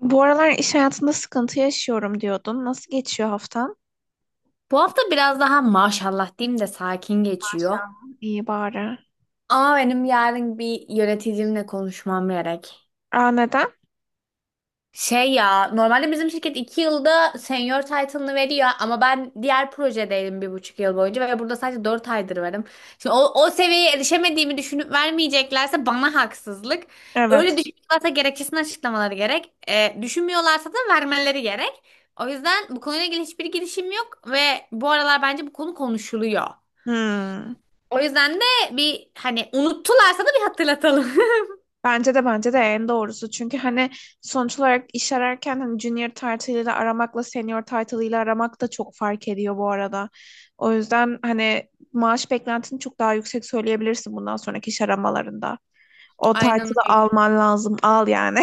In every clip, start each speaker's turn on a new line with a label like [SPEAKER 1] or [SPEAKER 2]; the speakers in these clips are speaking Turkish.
[SPEAKER 1] Bu aralar iş hayatında sıkıntı yaşıyorum diyordun. Nasıl geçiyor haftan?
[SPEAKER 2] Bu hafta biraz daha maşallah diyeyim de sakin geçiyor.
[SPEAKER 1] Tamam. İyi bari.
[SPEAKER 2] Ama benim yarın bir yöneticimle konuşmam gerek.
[SPEAKER 1] Aa, neden?
[SPEAKER 2] Şey ya, normalde bizim şirket 2 yılda senior title'ını veriyor ama ben diğer projedeydim bir buçuk yıl boyunca ve burada sadece 4 aydır varım. Şimdi o seviyeye erişemediğimi düşünüp vermeyeceklerse bana haksızlık. Öyle
[SPEAKER 1] Evet.
[SPEAKER 2] düşünüyorlarsa gerekçesini açıklamaları gerek. Düşünmüyorlarsa da vermeleri gerek. O yüzden bu konuyla ilgili hiçbir girişim yok ve bu aralar bence bu konu konuşuluyor.
[SPEAKER 1] Hmm.
[SPEAKER 2] O yüzden de bir hani unuttularsa da bir hatırlatalım.
[SPEAKER 1] Bence de en doğrusu. Çünkü hani sonuç olarak iş ararken hani junior title ile aramakla senior title ile aramak da çok fark ediyor bu arada. O yüzden hani maaş beklentini çok daha yüksek söyleyebilirsin bundan sonraki iş aramalarında. O
[SPEAKER 2] Aynen
[SPEAKER 1] title'ı
[SPEAKER 2] öyle.
[SPEAKER 1] alman lazım. Al yani.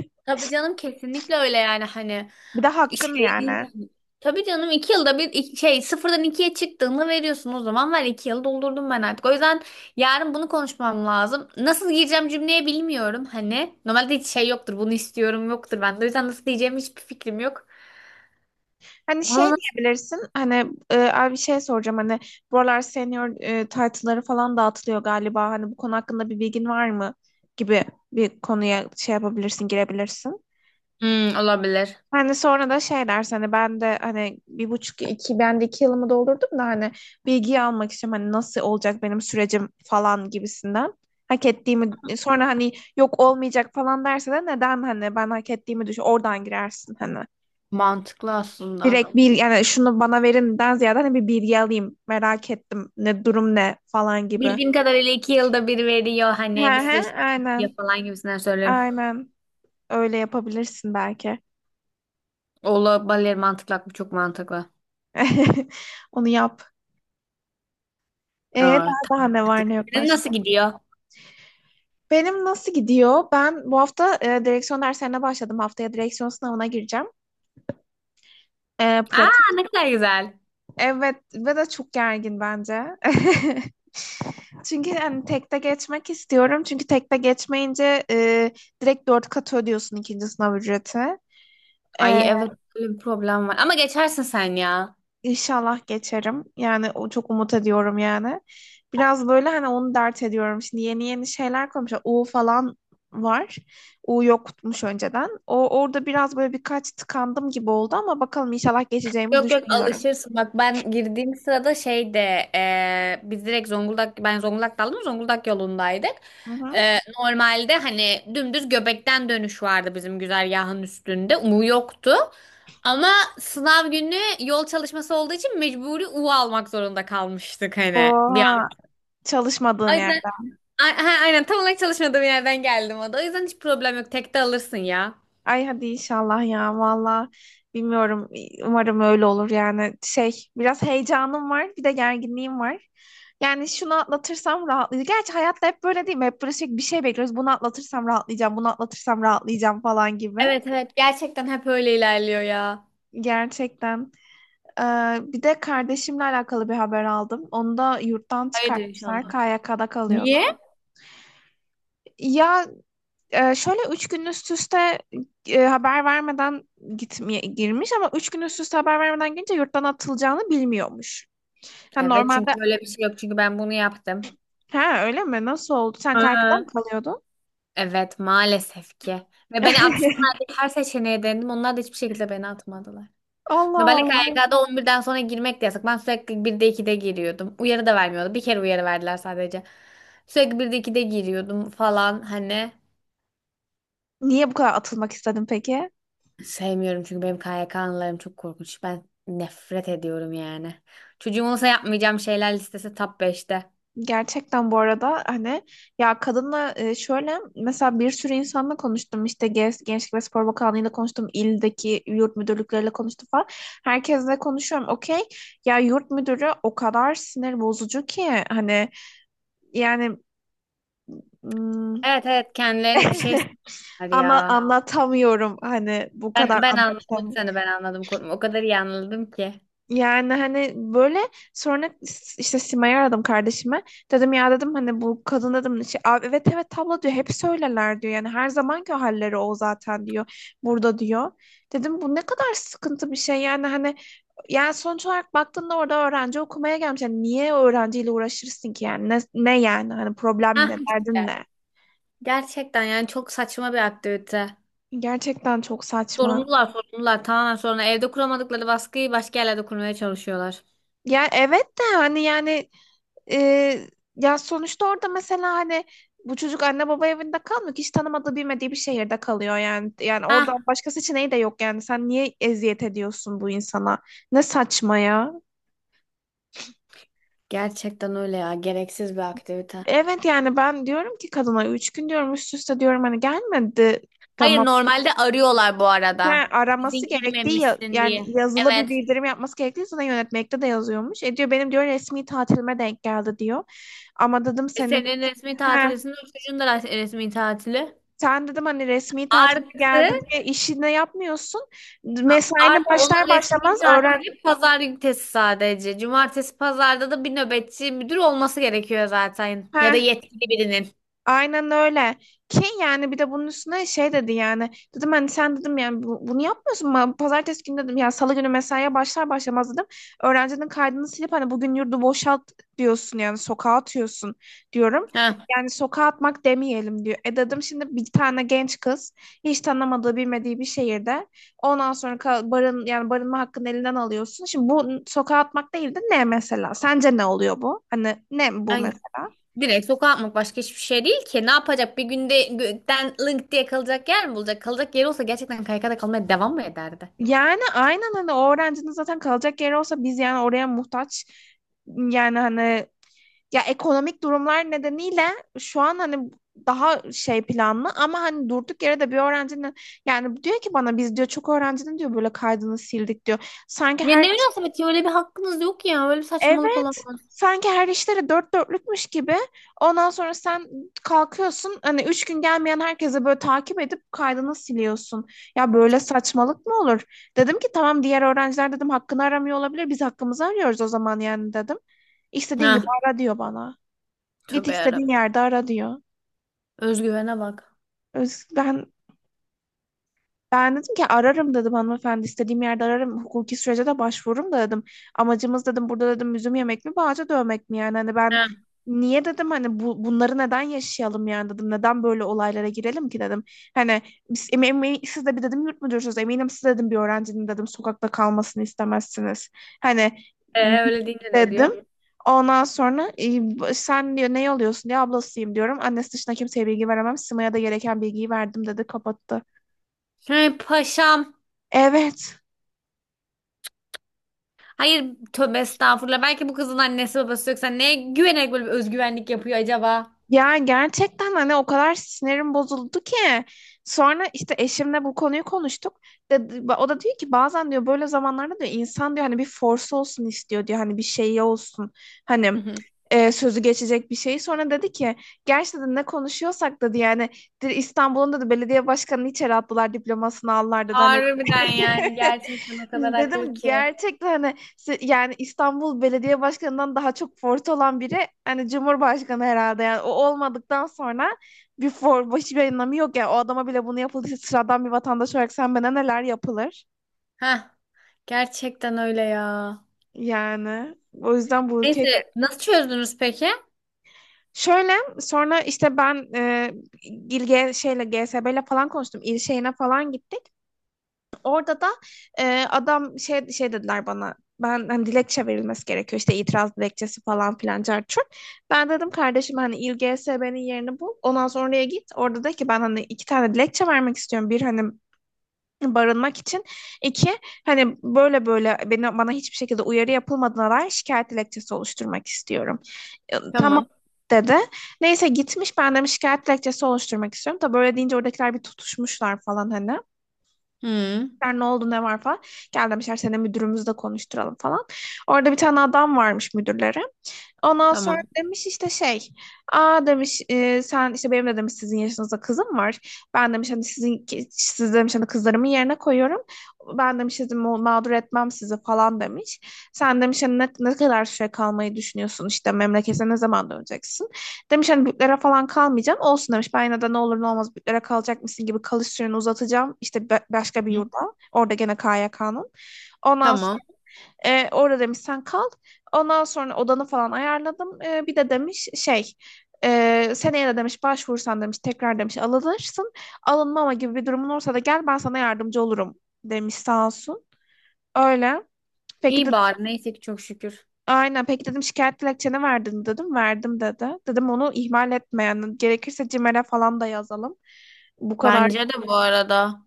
[SPEAKER 2] Tabii canım kesinlikle öyle yani hani
[SPEAKER 1] Bir de hakkın
[SPEAKER 2] şey değil
[SPEAKER 1] yani.
[SPEAKER 2] yani. Tabii canım iki yılda bir şey sıfırdan ikiye çıktığını veriyorsun, o zaman ver, iki yıl doldurdum ben artık. O yüzden yarın bunu konuşmam lazım. Nasıl gireceğim cümleye bilmiyorum hani. Normalde hiç şey yoktur, bunu istiyorum yoktur bende. O yüzden nasıl diyeceğim hiçbir fikrim yok.
[SPEAKER 1] Hani şey
[SPEAKER 2] Ona nasıl...
[SPEAKER 1] diyebilirsin hani abi bir şey soracağım hani bu aralar senior title'ları falan dağıtılıyor galiba hani bu konu hakkında bir bilgin var mı gibi bir konuya şey yapabilirsin girebilirsin.
[SPEAKER 2] Hmm, olabilir.
[SPEAKER 1] Hani sonra da şey dersin hani ben de hani bir buçuk iki ben de iki yılımı doldurdum da hani bilgiyi almak istiyorum hani nasıl olacak benim sürecim falan gibisinden. Hak ettiğimi sonra hani yok olmayacak falan derse de neden hani ben hak ettiğimi düşün oradan girersin hani.
[SPEAKER 2] Mantıklı aslında.
[SPEAKER 1] Direkt bir yani şunu bana verinden ziyade hani bir bilgi alayım. Merak ettim. Ne durum ne falan gibi.
[SPEAKER 2] Bildiğim kadarıyla iki yılda bir veriyor
[SPEAKER 1] He
[SPEAKER 2] hani bu
[SPEAKER 1] he
[SPEAKER 2] süreç
[SPEAKER 1] aynen.
[SPEAKER 2] falan gibisinden söylüyorum.
[SPEAKER 1] Aynen. Öyle yapabilirsin belki.
[SPEAKER 2] Olabilir, mantıklı bu, çok mantıklı.
[SPEAKER 1] Onu yap.
[SPEAKER 2] Aa,
[SPEAKER 1] Daha daha
[SPEAKER 2] tamam,
[SPEAKER 1] ne var
[SPEAKER 2] hadi.
[SPEAKER 1] ne yok
[SPEAKER 2] Senin nasıl
[SPEAKER 1] başka?
[SPEAKER 2] gidiyor?
[SPEAKER 1] Benim nasıl gidiyor? Ben bu hafta direksiyon derslerine başladım. Haftaya direksiyon sınavına gireceğim. Pratik.
[SPEAKER 2] Aa, ne kadar güzel.
[SPEAKER 1] Evet ve de çok gergin bence. Çünkü hani tekte geçmek istiyorum. Çünkü tekte geçmeyince direkt dört kat ödüyorsun ikinci sınav ücreti. E,
[SPEAKER 2] Ay evet, böyle bir problem var. Ama geçersin sen ya.
[SPEAKER 1] inşallah geçerim. Yani o çok umut ediyorum yani. Biraz böyle hani onu dert ediyorum. Şimdi yeni yeni şeyler koymuşlar. U falan var. U yokmuş önceden. O orada biraz böyle birkaç tıkandım gibi oldu ama bakalım inşallah geçeceğimi
[SPEAKER 2] Yok yok,
[SPEAKER 1] düşünüyorum.
[SPEAKER 2] alışırsın. Bak ben girdiğim sırada şeyde biz direkt Zonguldak, ben Zonguldak'ta aldım, Zonguldak yolundaydık.
[SPEAKER 1] Hı hı.
[SPEAKER 2] Normalde hani dümdüz Göbek'ten dönüş vardı bizim güzergahın üstünde. U yoktu. Ama sınav günü yol çalışması olduğu için mecburi U almak zorunda kalmıştık hani bir
[SPEAKER 1] Oha, çalışmadığın
[SPEAKER 2] an.
[SPEAKER 1] yer.
[SPEAKER 2] Ha, aynen, tam olarak çalışmadığım yerden geldim o da. O yüzden hiç problem yok. Tek de alırsın ya.
[SPEAKER 1] Ay, hadi inşallah ya, valla bilmiyorum, umarım öyle olur yani şey biraz heyecanım var bir de gerginliğim var. Yani şunu atlatırsam rahatlayacağım. Gerçi hayatta hep böyle değil mi? Hep böyle sürekli bir şey bekliyoruz. Bunu atlatırsam rahatlayacağım, bunu atlatırsam rahatlayacağım falan gibi.
[SPEAKER 2] Evet evet, gerçekten hep öyle ilerliyor ya.
[SPEAKER 1] Gerçekten. Ee, bir de kardeşimle alakalı bir haber aldım. Onu da yurttan
[SPEAKER 2] Hayırdır
[SPEAKER 1] çıkartmışlar.
[SPEAKER 2] inşallah.
[SPEAKER 1] KYK'da kalıyordu.
[SPEAKER 2] Niye?
[SPEAKER 1] Ya, şöyle üç gün üst üste haber vermeden gitmeye girmiş ama üç gün üst üste haber vermeden girince yurttan atılacağını bilmiyormuş. Ha,
[SPEAKER 2] Evet, çünkü
[SPEAKER 1] normalde.
[SPEAKER 2] öyle bir şey yok. Çünkü ben bunu yaptım.
[SPEAKER 1] Ha, öyle mi? Nasıl oldu? Sen Kaykı'da mı
[SPEAKER 2] Ha.
[SPEAKER 1] kalıyordun?
[SPEAKER 2] Evet maalesef ki. Ve beni atsınlar diye her seçeneğe denedim. Onlar da hiçbir şekilde beni atmadılar. Normalde
[SPEAKER 1] Allah
[SPEAKER 2] K Y
[SPEAKER 1] Allah.
[SPEAKER 2] K'da on birden sonra girmek de yasak. Ben sürekli 1'de 2'de giriyordum. Uyarı da vermiyordu. Bir kere uyarı verdiler sadece. Sürekli 1'de 2'de giriyordum falan hani.
[SPEAKER 1] Niye bu kadar atılmak istedin peki?
[SPEAKER 2] Sevmiyorum, çünkü benim KYK anılarım çok korkunç. Ben nefret ediyorum yani. Çocuğum olsa yapmayacağım şeyler listesi top 5'te.
[SPEAKER 1] Gerçekten bu arada hani ya kadınla şöyle mesela bir sürü insanla konuştum işte Gençlik ve Spor Bakanlığı'yla konuştum ildeki yurt müdürlükleriyle konuştum falan herkesle konuşuyorum okey ya yurt müdürü o kadar sinir bozucu ki hani yani hmm,
[SPEAKER 2] Evet evet, kendilerine bir şey
[SPEAKER 1] Tabii
[SPEAKER 2] söyler
[SPEAKER 1] ana ya.
[SPEAKER 2] ya.
[SPEAKER 1] Anlatamıyorum hani bu kadar
[SPEAKER 2] Ben anladım
[SPEAKER 1] anlatamıyorum.
[SPEAKER 2] seni, ben anladım, korkma. O kadar iyi anladım ki.
[SPEAKER 1] Yani hani böyle sonra işte Sima'yı aradım kardeşime. Dedim ya dedim hani bu kadın dedim şey, "Abi evet evet tablo diyor hep söylerler diyor. Yani her zamanki halleri o zaten diyor. Burada diyor. Dedim bu ne kadar sıkıntı bir şey yani hani yani sonuç olarak baktığında orada öğrenci okumaya gelmiş. Yani niye öğrenciyle uğraşırsın ki yani ne yani hani problem
[SPEAKER 2] Hah
[SPEAKER 1] ne derdin
[SPEAKER 2] işte.
[SPEAKER 1] ne?
[SPEAKER 2] Gerçekten yani çok saçma bir aktivite.
[SPEAKER 1] Gerçekten çok saçma.
[SPEAKER 2] Sorumlular tamamen sonra evde kuramadıkları baskıyı başka yerlerde kurmaya çalışıyorlar.
[SPEAKER 1] Ya evet de hani yani Ee, ya sonuçta orada mesela hani bu çocuk anne baba evinde kalmıyor ki hiç tanımadığı bilmediği bir şehirde kalıyor yani. Yani
[SPEAKER 2] Hah,
[SPEAKER 1] orada başka seçeneği de yok yani. Sen niye eziyet ediyorsun bu insana? Ne saçma ya.
[SPEAKER 2] gerçekten öyle ya, gereksiz bir aktivite.
[SPEAKER 1] Evet yani ben diyorum ki kadına üç gün diyorum üst üste diyorum hani gelmedi.
[SPEAKER 2] Hayır,
[SPEAKER 1] Tamam.
[SPEAKER 2] normalde arıyorlar bu
[SPEAKER 1] Ha,
[SPEAKER 2] arada.
[SPEAKER 1] araması
[SPEAKER 2] Bizim
[SPEAKER 1] gerektiği
[SPEAKER 2] girmemişsin
[SPEAKER 1] yani
[SPEAKER 2] diye.
[SPEAKER 1] yazılı bir
[SPEAKER 2] Evet.
[SPEAKER 1] bildirim yapması gerektiği sana yönetmekte de yazıyormuş. E, diyor benim diyor resmi tatilime denk geldi diyor. Ama dedim
[SPEAKER 2] E,
[SPEAKER 1] senin.
[SPEAKER 2] senin resmi
[SPEAKER 1] He.
[SPEAKER 2] tatilisinde o çocuğun da resmi tatili.
[SPEAKER 1] Sen dedim hani resmi tatil
[SPEAKER 2] Artı
[SPEAKER 1] geldi diye işini yapmıyorsun. Mesaine
[SPEAKER 2] artı onun
[SPEAKER 1] başlar
[SPEAKER 2] resmi
[SPEAKER 1] başlamaz öğren.
[SPEAKER 2] tatili pazar günü sadece. Cumartesi pazarda da bir nöbetçi müdür olması gerekiyor zaten. Ya da
[SPEAKER 1] Heh.
[SPEAKER 2] yetkili birinin.
[SPEAKER 1] Aynen öyle. Ki yani bir de bunun üstüne şey dedi yani. Dedim hani sen dedim yani bunu yapmıyorsun mu? Pazartesi günü dedim ya salı günü mesaiye başlar başlamaz dedim. Öğrencinin kaydını silip hani bugün yurdu boşalt diyorsun yani sokağa atıyorsun diyorum.
[SPEAKER 2] Ha.
[SPEAKER 1] Yani sokağa atmak demeyelim diyor. E, dedim şimdi bir tane genç kız hiç tanımadığı bilmediği bir şehirde ondan sonra ka- barın yani barınma hakkını elinden alıyorsun. Şimdi bu sokağa atmak değil de ne mesela? Sence ne oluyor bu? Hani ne bu
[SPEAKER 2] Ay,
[SPEAKER 1] mesela?
[SPEAKER 2] direkt sokağa atmak başka hiçbir şey değil ki. Ne yapacak? Bir günde gökten link diye kalacak yer mi bulacak? Kalacak yeri olsa gerçekten kaykada kalmaya devam mı ederdi?
[SPEAKER 1] Yani aynen hani o öğrencinin zaten kalacak yeri olsa biz yani oraya muhtaç. Yani hani ya ekonomik durumlar nedeniyle şu an hani daha şey planlı ama hani durduk yere de bir öğrencinin yani diyor ki bana biz diyor çok öğrencinin diyor böyle kaydını sildik diyor. Sanki
[SPEAKER 2] Ya ne
[SPEAKER 1] her.
[SPEAKER 2] münasebet ya, öyle bir hakkınız yok ya. Öyle bir saçmalık
[SPEAKER 1] Evet.
[SPEAKER 2] olamaz.
[SPEAKER 1] Sanki her işleri dört dörtlükmüş gibi. Ondan sonra sen kalkıyorsun hani üç gün gelmeyen herkese böyle takip edip kaydını siliyorsun. Ya böyle saçmalık mı olur? Dedim ki tamam diğer öğrenciler dedim hakkını aramıyor olabilir. Biz hakkımızı arıyoruz o zaman yani dedim. İstediğin gibi
[SPEAKER 2] Ha.
[SPEAKER 1] ara diyor bana. Git
[SPEAKER 2] Tövbe
[SPEAKER 1] istediğin
[SPEAKER 2] yarabbim.
[SPEAKER 1] yerde ara diyor.
[SPEAKER 2] Özgüvene bak.
[SPEAKER 1] Öz- Ben Ben dedim ki ararım dedim hanımefendi istediğim yerde ararım hukuki sürece de başvururum da dedim. Amacımız dedim burada dedim üzüm yemek mi bağcı dövmek mi yani hani ben niye dedim hani bunları neden yaşayalım yani dedim neden böyle olaylara girelim ki dedim. Hani siz de bir dedim yurt müdürsünüz eminim siz dedim bir öğrencinin dedim sokakta kalmasını istemezsiniz. Hani
[SPEAKER 2] Öyle deyince ne
[SPEAKER 1] dedim.
[SPEAKER 2] diyor?
[SPEAKER 1] Ondan sonra sen diyor ne oluyorsun diye ablasıyım diyorum. Annesi dışında kimseye bilgi veremem. Sima'ya da gereken bilgiyi verdim dedi kapattı.
[SPEAKER 2] Hey paşam.
[SPEAKER 1] Evet.
[SPEAKER 2] Hayır, tövbe estağfurullah. Belki bu kızın annesi babası yoksa neye güvenerek böyle bir özgüvenlik yapıyor acaba?
[SPEAKER 1] Ya gerçekten hani o kadar sinirim bozuldu ki. Sonra işte eşimle bu konuyu konuştuk. Dedi, o da diyor ki bazen diyor böyle zamanlarda diyor insan diyor hani bir force olsun istiyor diyor hani bir şey olsun. Hani
[SPEAKER 2] Hı hı.
[SPEAKER 1] sözü geçecek bir şey. Sonra dedi ki gerçekten ne konuşuyorsak dedi yani dedi, İstanbul'un dedi belediye başkanını içeri attılar diplomasını aldılar dedi hani.
[SPEAKER 2] Harbiden yani, gerçekten o kadar haklı
[SPEAKER 1] Dedim
[SPEAKER 2] ki.
[SPEAKER 1] gerçekten hani işte yani İstanbul Belediye Başkanı'ndan daha çok forte olan biri hani Cumhurbaşkanı herhalde yani o olmadıktan sonra bir for başı bir anlamı yok yani o adama bile bunu yapıldıysa sıradan bir vatandaş olarak sen bana neler yapılır
[SPEAKER 2] Heh, gerçekten öyle ya.
[SPEAKER 1] yani o yüzden bu ülke
[SPEAKER 2] Neyse, nasıl çözdünüz peki?
[SPEAKER 1] şöyle sonra işte ben e, İl- G- şeyle GSB ile falan konuştum il şeyine falan gittik. Orada da adam şey şey dediler bana. Ben hani dilekçe verilmesi gerekiyor işte itiraz dilekçesi falan filan çarçur. Ben dedim kardeşim hani İLGSB'nin yerini bul. Ondan sonra oraya git. Orada de ki ben hani iki tane dilekçe vermek istiyorum. Bir hani barınmak için. İki hani böyle böyle bana hiçbir şekilde uyarı yapılmadığına dair şikayet dilekçesi oluşturmak istiyorum. Tamam
[SPEAKER 2] Tamam.
[SPEAKER 1] dedi. Neyse gitmiş ben de şikayet dilekçesi oluşturmak istiyorum. Tabii böyle deyince oradakiler bir tutuşmuşlar falan hani.
[SPEAKER 2] Hı,
[SPEAKER 1] Sen ne oldu ne var falan. Gel demişler seni müdürümüzle konuşturalım falan. Orada bir tane adam varmış müdürleri. Ondan sonra
[SPEAKER 2] tamam.
[SPEAKER 1] demiş işte şey, aa demiş sen işte benim de demiş sizin yaşınızda kızım var. Ben demiş hani sizin siz demiş hani kızlarımın yerine koyuyorum. Ben demiş sizi mağdur etmem sizi falan demiş. Sen demiş hani ne kadar süre kalmayı düşünüyorsun işte memlekete ne zaman döneceksin? Demiş hani büyüklere falan kalmayacağım. Olsun demiş ben yine de ne olur ne olmaz büyüklere kalacak mısın gibi kalış süreni uzatacağım. İşte başka bir
[SPEAKER 2] Hı,
[SPEAKER 1] yurda. Orada gene KYK'nın. Ondan
[SPEAKER 2] tamam.
[SPEAKER 1] orada demiş sen kal. Ondan sonra odanı falan ayarladım. Bir de demiş şey seneye de demiş başvursan demiş tekrar demiş alınırsın. Alınmama gibi bir durumun olursa da gel ben sana yardımcı olurum demiş sağ olsun. Öyle. Peki de
[SPEAKER 2] İyi bari, neyse ki çok şükür.
[SPEAKER 1] aynen peki dedim şikayet dilekçeni verdin mi?" dedim. Verdim dedi. Dedim onu ihmal etmeyen gerekirse CİMER'e falan da yazalım. Bu kadar.
[SPEAKER 2] Bence de bu arada.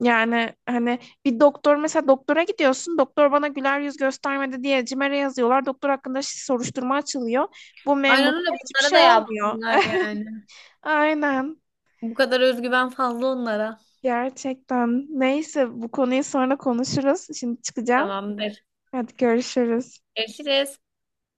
[SPEAKER 1] Yani hani bir doktor mesela doktora gidiyorsun. Doktor bana güler yüz göstermedi diye CİMER'e yazıyorlar. Doktor hakkında soruşturma açılıyor. Bu
[SPEAKER 2] Aynen
[SPEAKER 1] memurda
[SPEAKER 2] öyle,
[SPEAKER 1] hiçbir
[SPEAKER 2] bunlara
[SPEAKER 1] şey
[SPEAKER 2] da
[SPEAKER 1] olmuyor.
[SPEAKER 2] yapsınlar yani.
[SPEAKER 1] Aynen.
[SPEAKER 2] Bu kadar özgüven fazla onlara.
[SPEAKER 1] Gerçekten. Neyse bu konuyu sonra konuşuruz. Şimdi çıkacağım.
[SPEAKER 2] Tamamdır.
[SPEAKER 1] Hadi görüşürüz.
[SPEAKER 2] Görüşürüz.